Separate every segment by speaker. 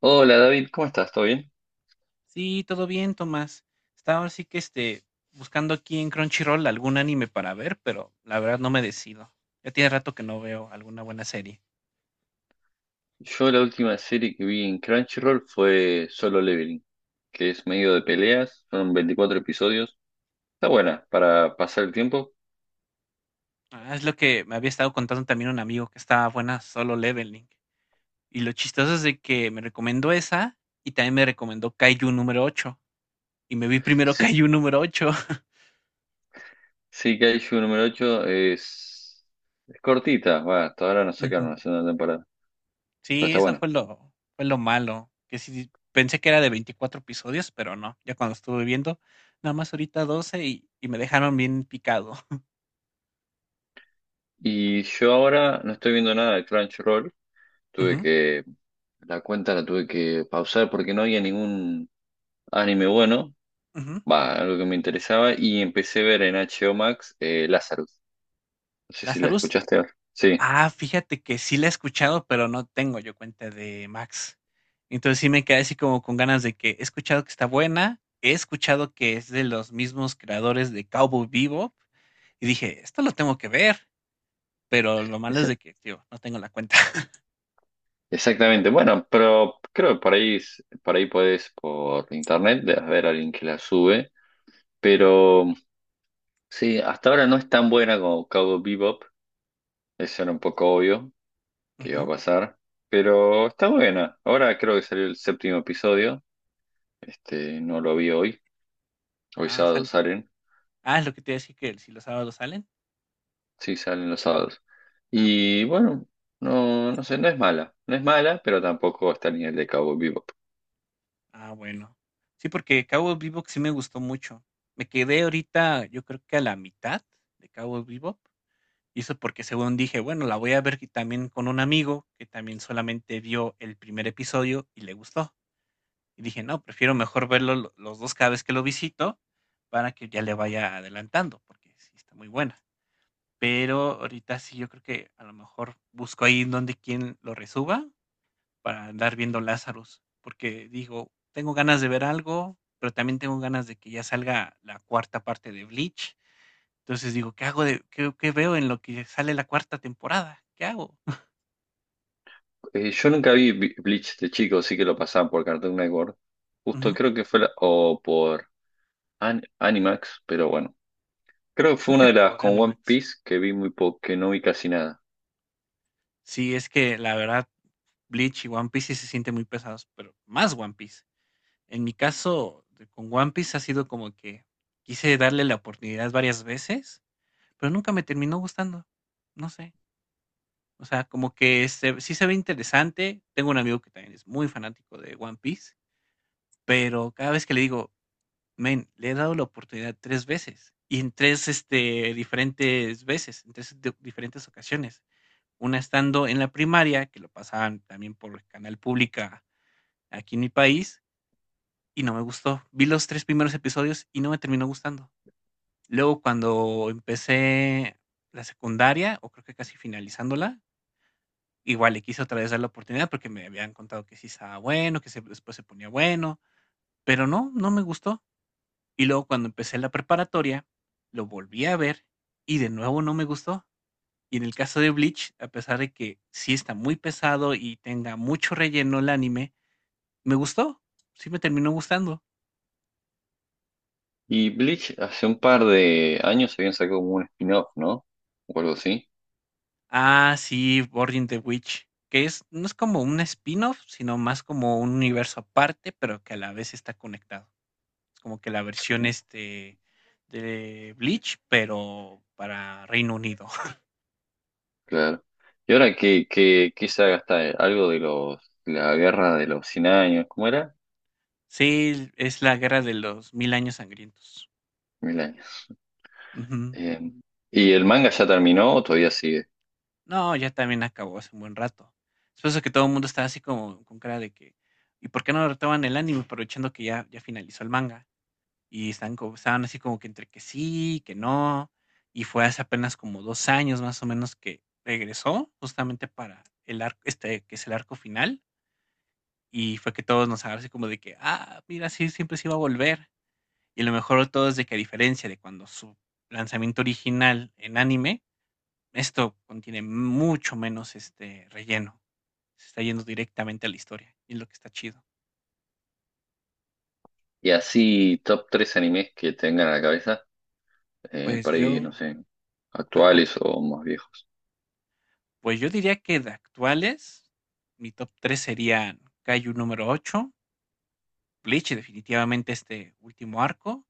Speaker 1: Hola David, ¿cómo estás? ¿Todo bien?
Speaker 2: Sí, todo bien, Tomás. Estaba ahora buscando aquí en Crunchyroll algún anime para ver, pero la verdad no me decido. Ya tiene rato que no veo alguna buena serie.
Speaker 1: Yo la última serie que vi en Crunchyroll fue Solo Leveling, que es medio de peleas, son 24 episodios. Está buena para pasar el tiempo.
Speaker 2: Ah, es lo que me había estado contando también un amigo, que estaba buena Solo Leveling. Y lo chistoso es de que me recomendó esa y también me recomendó Kaiju número ocho. Y me vi primero
Speaker 1: Sí,
Speaker 2: Kaiju número ocho.
Speaker 1: sí que número 8. Es cortita, va, hasta ahora no sacaron la segunda temporada, pero
Speaker 2: Sí,
Speaker 1: está buena.
Speaker 2: fue lo malo. Que sí, pensé que era de 24 episodios, pero no. Ya cuando estuve viendo, nada más ahorita 12, y me dejaron bien picado.
Speaker 1: Y yo ahora no estoy viendo nada de Crunchyroll, tuve
Speaker 2: Ujú,
Speaker 1: que, la cuenta la tuve que pausar porque no había ningún anime bueno,
Speaker 2: ujú.
Speaker 1: va, algo que me interesaba, y empecé a ver en HBO Max Lazarus. No sé si la
Speaker 2: Lazarus.
Speaker 1: escuchaste ahora. Sí,
Speaker 2: Ah, fíjate que sí la he escuchado, pero no tengo yo cuenta de Max. Entonces sí me quedé así como con ganas, de que he escuchado que está buena, he escuchado que es de los mismos creadores de Cowboy Bebop, y dije, esto lo tengo que ver, pero lo malo es
Speaker 1: esa-
Speaker 2: de que, tío, no tengo la cuenta.
Speaker 1: exactamente. Bueno, pero creo que por ahí, por ahí podés, por internet debes ver a alguien que la sube.
Speaker 2: Ujú,
Speaker 1: Pero sí, hasta ahora no es tan buena como Cowboy Bebop. Eso era un poco obvio que iba a
Speaker 2: ujú.
Speaker 1: pasar. Pero está buena. Ahora creo que salió el séptimo episodio. No lo vi hoy. Hoy
Speaker 2: Ah,
Speaker 1: sábado
Speaker 2: sale.
Speaker 1: salen.
Speaker 2: Ah, es lo que te decía, que si los sábados salen.
Speaker 1: Sí, salen los sábados.
Speaker 2: Ah, mira.
Speaker 1: Y bueno, no sé, no es mala. No es mala, pero tampoco está al nivel de Cowboy Bebop.
Speaker 2: Ah, bueno. Sí, porque Cowboy Bebop sí me gustó mucho. Me quedé ahorita, yo creo que a la mitad de Cowboy Bebop. Y eso porque según dije, bueno, la voy a ver, y también con un amigo que también solamente vio el primer episodio y le gustó. Y dije, no, prefiero mejor verlo los dos cada vez que lo visito, para que ya le vaya adelantando, porque sí está muy buena. Pero ahorita sí, yo creo que a lo mejor busco ahí en donde quien lo resuba, para andar viendo Lázaros, porque digo, tengo ganas de ver algo, pero también tengo ganas de que ya salga la cuarta parte de Bleach. Entonces digo, ¿qué hago qué veo en lo que sale la cuarta temporada? ¿Qué hago?
Speaker 1: Yo nunca vi Bleach de chico, sí que lo pasaban por Cartoon Network. Justo
Speaker 2: Ujú.
Speaker 1: creo que fue o por Animax, pero bueno. Creo que fue
Speaker 2: Creo
Speaker 1: una
Speaker 2: que
Speaker 1: de las
Speaker 2: por
Speaker 1: con One
Speaker 2: Animax.
Speaker 1: Piece que vi muy poco, que no vi casi nada.
Speaker 2: Sí, es que la verdad, Bleach y One Piece sí se sienten muy pesados, pero más One Piece. En mi caso, con One Piece ha sido como que quise darle la oportunidad varias veces, pero nunca me terminó gustando. No sé. O sea, como que se sí se ve interesante. Tengo un amigo que también es muy fanático de One Piece, pero cada vez que le digo: "Men, le he dado la oportunidad 3 veces, y en diferentes veces, en 3 di diferentes ocasiones". Una estando en la primaria, que lo pasaban también por canal pública aquí en mi país, y no me gustó. Vi los 3 primeros episodios y no me terminó gustando. Luego, cuando empecé la secundaria, o creo que casi finalizándola, igual le quise otra vez dar la oportunidad, porque me habían contado que sí estaba bueno, que se después se ponía bueno, pero no, no me gustó. Y luego cuando empecé la preparatoria, lo volví a ver y de nuevo no me gustó. Y en el caso de Bleach, a pesar de que sí está muy pesado y tenga mucho relleno el anime, me gustó. Sí me terminó gustando.
Speaker 1: Y Bleach hace un par de años habían sacado como un spin-off, ¿no? O algo así,
Speaker 2: Ah, sí, Burning the Witch, que es, no es como un spin-off, sino más como un universo aparte, pero que a la vez está conectado. Es como que la versión, de Bleach, pero para Reino Unido.
Speaker 1: claro. ¿Y ahora qué saga está? ¿Algo de los, la guerra de los 100 años? ¿Cómo era?
Speaker 2: Sí, es la guerra de los mil años sangrientos. Ujú.
Speaker 1: Eh, ¿Y el manga ya terminó o todavía sigue?
Speaker 2: No, ya también acabó hace un buen rato. Es por eso que todo el mundo está así como con cara de que, ¿y por qué no retoman el anime aprovechando que ya finalizó el manga? Y están como, estaban así como que entre que sí, que no. Y fue hace apenas como dos años más o menos que regresó justamente para el arco, que es el arco final. Y fue que todos nos agarró así como de que, ah, mira, sí, siempre se iba a volver. Y a lo mejor de todo es de que a diferencia de cuando su lanzamiento original en anime, esto contiene mucho menos relleno. Se está yendo directamente a la historia, y es lo que está chido.
Speaker 1: Y así, top 3 animes que tengan a la cabeza,
Speaker 2: Pues
Speaker 1: por ahí,
Speaker 2: yo,
Speaker 1: no sé,
Speaker 2: ajá,
Speaker 1: actuales o más viejos.
Speaker 2: pues yo diría que de actuales, mi top 3 serían Kaiju número ocho, Bleach definitivamente este último arco,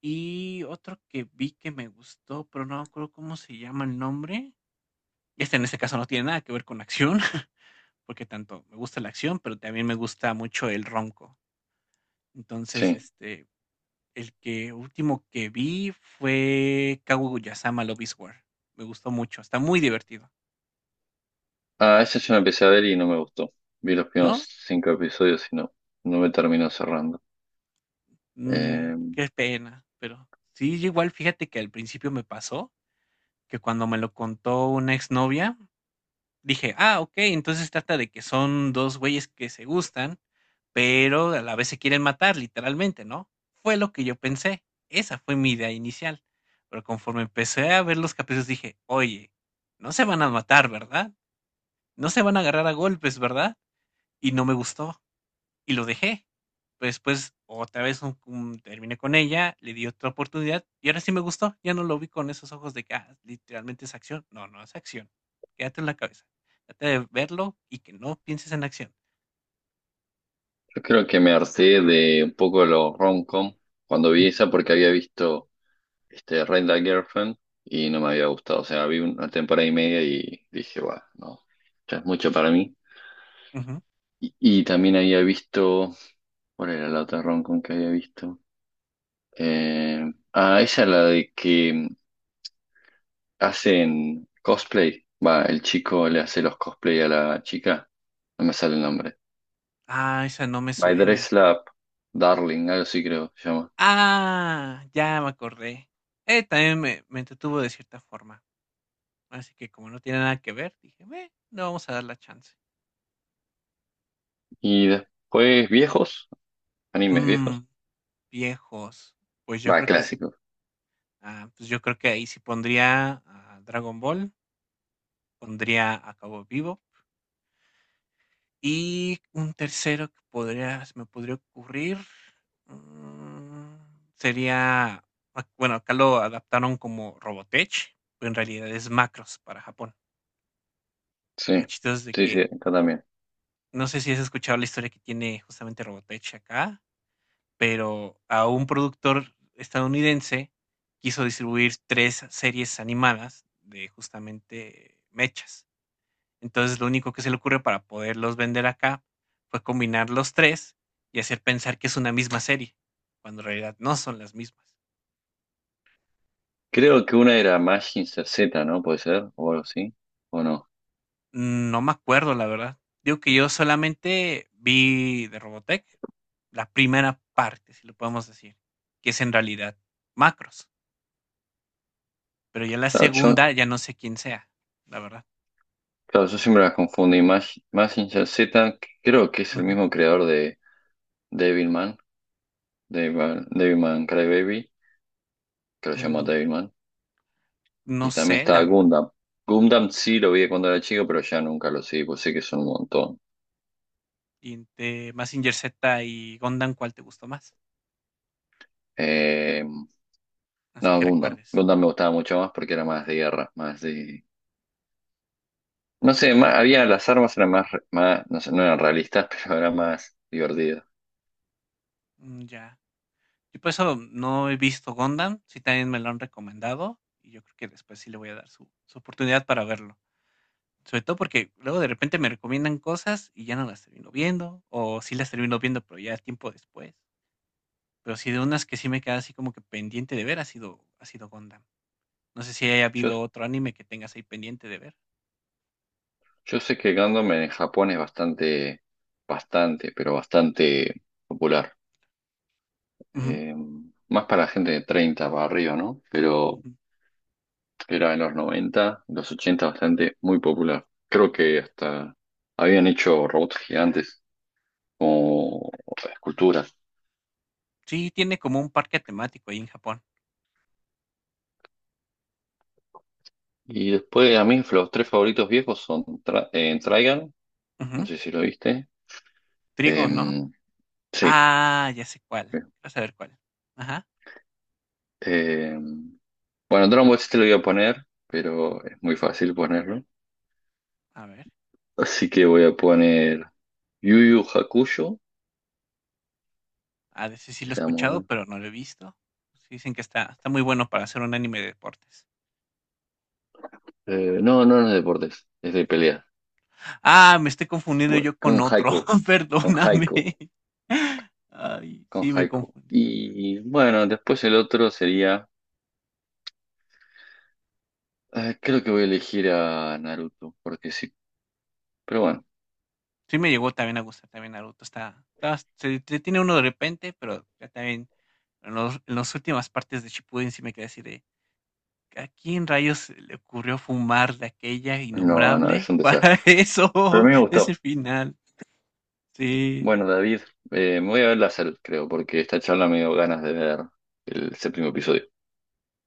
Speaker 2: y otro que vi que me gustó, pero no me acuerdo cómo se llama el nombre. Este en este caso no tiene nada que ver con acción, porque tanto me gusta la acción, pero también me gusta mucho el ronco. Entonces,
Speaker 1: Sí.
Speaker 2: este, el que último que vi fue Kaguya-sama Love is War. Me gustó mucho, está muy divertido,
Speaker 1: Ah, ese yo lo empecé a ver y no me gustó. Vi los primeros
Speaker 2: ¿no?
Speaker 1: 5 episodios y no me terminó cerrando.
Speaker 2: Mm,
Speaker 1: Eh,
Speaker 2: qué pena, pero sí, igual fíjate que al principio me pasó, que cuando me lo contó una exnovia, dije: "Ah, okey, entonces trata de que son 2 güeyes que se gustan, pero a la vez se quieren matar", literalmente, ¿no? Fue lo que yo pensé, esa fue mi idea inicial, pero conforme empecé a ver los capítulos dije: "Oye, no se van a matar, ¿verdad? No se van a agarrar a golpes, ¿verdad?". Y no me gustó y lo dejé. Pero después otra vez terminé con ella, le di otra oportunidad y ahora sí me gustó. Ya no lo vi con esos ojos de que "Ah, literalmente es acción". No, no es acción. Quédate en la cabeza. Trata de verlo y que no pienses en acción.
Speaker 1: yo creo que me harté de un poco de los rom-com cuando
Speaker 2: Ujú.
Speaker 1: vi esa porque había visto Rent a Girlfriend y no me había gustado. O sea, vi una temporada y media y dije, bueno, no, ya es mucho para mí.
Speaker 2: Ujú.
Speaker 1: Y también había visto, ¿cuál era la otra rom con que había visto? Eh, ah, esa es la de que hacen cosplay. Va, el chico le hace los cosplay a la chica. No me sale el nombre.
Speaker 2: Ah, esa no me
Speaker 1: My
Speaker 2: suena.
Speaker 1: Dress Lab, Darling, algo así creo que se llama.
Speaker 2: Ah, ya me acordé. También me entretuvo de cierta forma. Así que como no tiene nada que ver, dije, "Meh, no vamos a dar la chance".
Speaker 1: Y después viejos, animes viejos.
Speaker 2: Mm, viejos. Pues yo
Speaker 1: Va,
Speaker 2: creo que sí.
Speaker 1: clásicos.
Speaker 2: Ah, pues yo creo que ahí sí pondría a Dragon Ball, pondría a Cabo Vivo. Y un tercero que podría, se me podría ocurrir, mm, sería, ah, bueno, acá lo adaptaron como Robotech, pero en realidad es Macros para Japón. Y lo
Speaker 1: Sí,
Speaker 2: chistoso es de
Speaker 1: sí,
Speaker 2: que,
Speaker 1: acá también.
Speaker 2: no sé si has escuchado la historia que tiene justamente Robotech acá, pero a un productor estadounidense quiso distribuir tres series animadas de justamente mechas. Entonces, lo único que se le ocurre para poderlos vender acá fue combinar los 3 y hacer pensar que es una misma serie, cuando en realidad no son las mismas.
Speaker 1: Creo que una era Mazinger Z, ¿no? Puede ser, o algo así, o no.
Speaker 2: No me acuerdo, la verdad. Digo que yo solamente vi de Robotech la primera parte, si lo podemos decir, que es en realidad Macros, pero ya la
Speaker 1: Claro, yo
Speaker 2: segunda ya no sé quién sea, la verdad.
Speaker 1: Claro, yo siempre las confundí. Imag Mazinger Z, que creo que es el
Speaker 2: Ujú.
Speaker 1: mismo creador de Devilman, Devilman Crybaby, que lo llamó
Speaker 2: Mm,
Speaker 1: Devilman.
Speaker 2: no
Speaker 1: Y también
Speaker 2: sé,
Speaker 1: está
Speaker 2: la verdad.
Speaker 1: Gundam. Gundam sí lo vi cuando era chico, pero ya nunca lo seguí, pues sé que son un montón.
Speaker 2: Y entre Mazinger Z y Gundam, ¿cuál te gustó más?
Speaker 1: Eh,
Speaker 2: Así
Speaker 1: no,
Speaker 2: que
Speaker 1: Gundam.
Speaker 2: recuerdes.
Speaker 1: Gundam me gustaba mucho más porque era más de guerra, más de... No sé, había las armas eran más, más, no sé, no eran realistas, pero eran más divertidas.
Speaker 2: Mm, ya. Yo por eso no he visto Gundam, sí también me lo han recomendado y yo creo que después sí le voy a dar su oportunidad para verlo. Sobre todo porque luego de repente me recomiendan cosas y ya no las termino viendo, o sí las termino viendo, pero ya tiempo después. Pero sí de unas que sí me queda así como que pendiente de ver ha sido Gundam. No sé si haya
Speaker 1: Yo
Speaker 2: habido otro anime que tengas ahí pendiente de ver.
Speaker 1: Yo sé que Gundam en Japón es bastante, pero bastante popular.
Speaker 2: Ujú,
Speaker 1: Eh, más para gente de 30 para arriba, ¿no? Pero
Speaker 2: ujú.
Speaker 1: era en los 90, los 80 bastante muy popular. Creo que hasta habían hecho robots gigantes como esculturas.
Speaker 2: Sí, tiene como un parque temático ahí en Japón.
Speaker 1: Y después a mí los tres favoritos viejos son Trigun, no
Speaker 2: Ujú.
Speaker 1: sé si lo viste. Eh,
Speaker 2: Trigo, ¿no?
Speaker 1: sí.
Speaker 2: Ah, ya sé cuál. Vas a ver cuál. Ajá,
Speaker 1: Eh, bueno, Dragon Ball sí te lo voy a poner, pero es muy fácil ponerlo.
Speaker 2: a ver.
Speaker 1: Así que voy a poner Yu Yu Hakusho.
Speaker 2: A de ese sí lo he
Speaker 1: Está muy
Speaker 2: escuchado,
Speaker 1: bueno.
Speaker 2: pero no lo he visto. Sí, dicen que está, está muy bueno para hacer un anime de deportes.
Speaker 1: No es de deportes, es de pelea.
Speaker 2: Ah, me estoy confundiendo
Speaker 1: Bueno,
Speaker 2: yo con otro.
Speaker 1: Con
Speaker 2: Perdóname.
Speaker 1: Haiku,
Speaker 2: Ay,
Speaker 1: con
Speaker 2: sí, me
Speaker 1: Haiku.
Speaker 2: confundí.
Speaker 1: Y bueno, después el otro sería. Creo que voy a elegir a Naruto, porque sí. Pero bueno,
Speaker 2: Sí, me llegó también a gustar también Naruto. Se, se tiene uno de repente, pero ya también en las últimas partes de Shippuden sí me quedé así de, ¿a quién rayos se le ocurrió fumar de aquella
Speaker 1: no, es
Speaker 2: innombrable
Speaker 1: un
Speaker 2: para
Speaker 1: desastre. Pero a mí me
Speaker 2: ese
Speaker 1: gustó.
Speaker 2: final? Sí.
Speaker 1: Bueno, David, me voy a ver la salud, creo, porque esta charla me dio ganas de ver el séptimo episodio.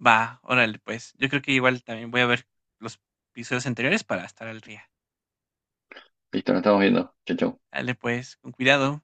Speaker 2: Va, órale, pues. Yo creo que igual también voy a ver los episodios anteriores para estar al día.
Speaker 1: Listo, nos estamos viendo. Chau, chau.
Speaker 2: Dale, pues, con cuidado.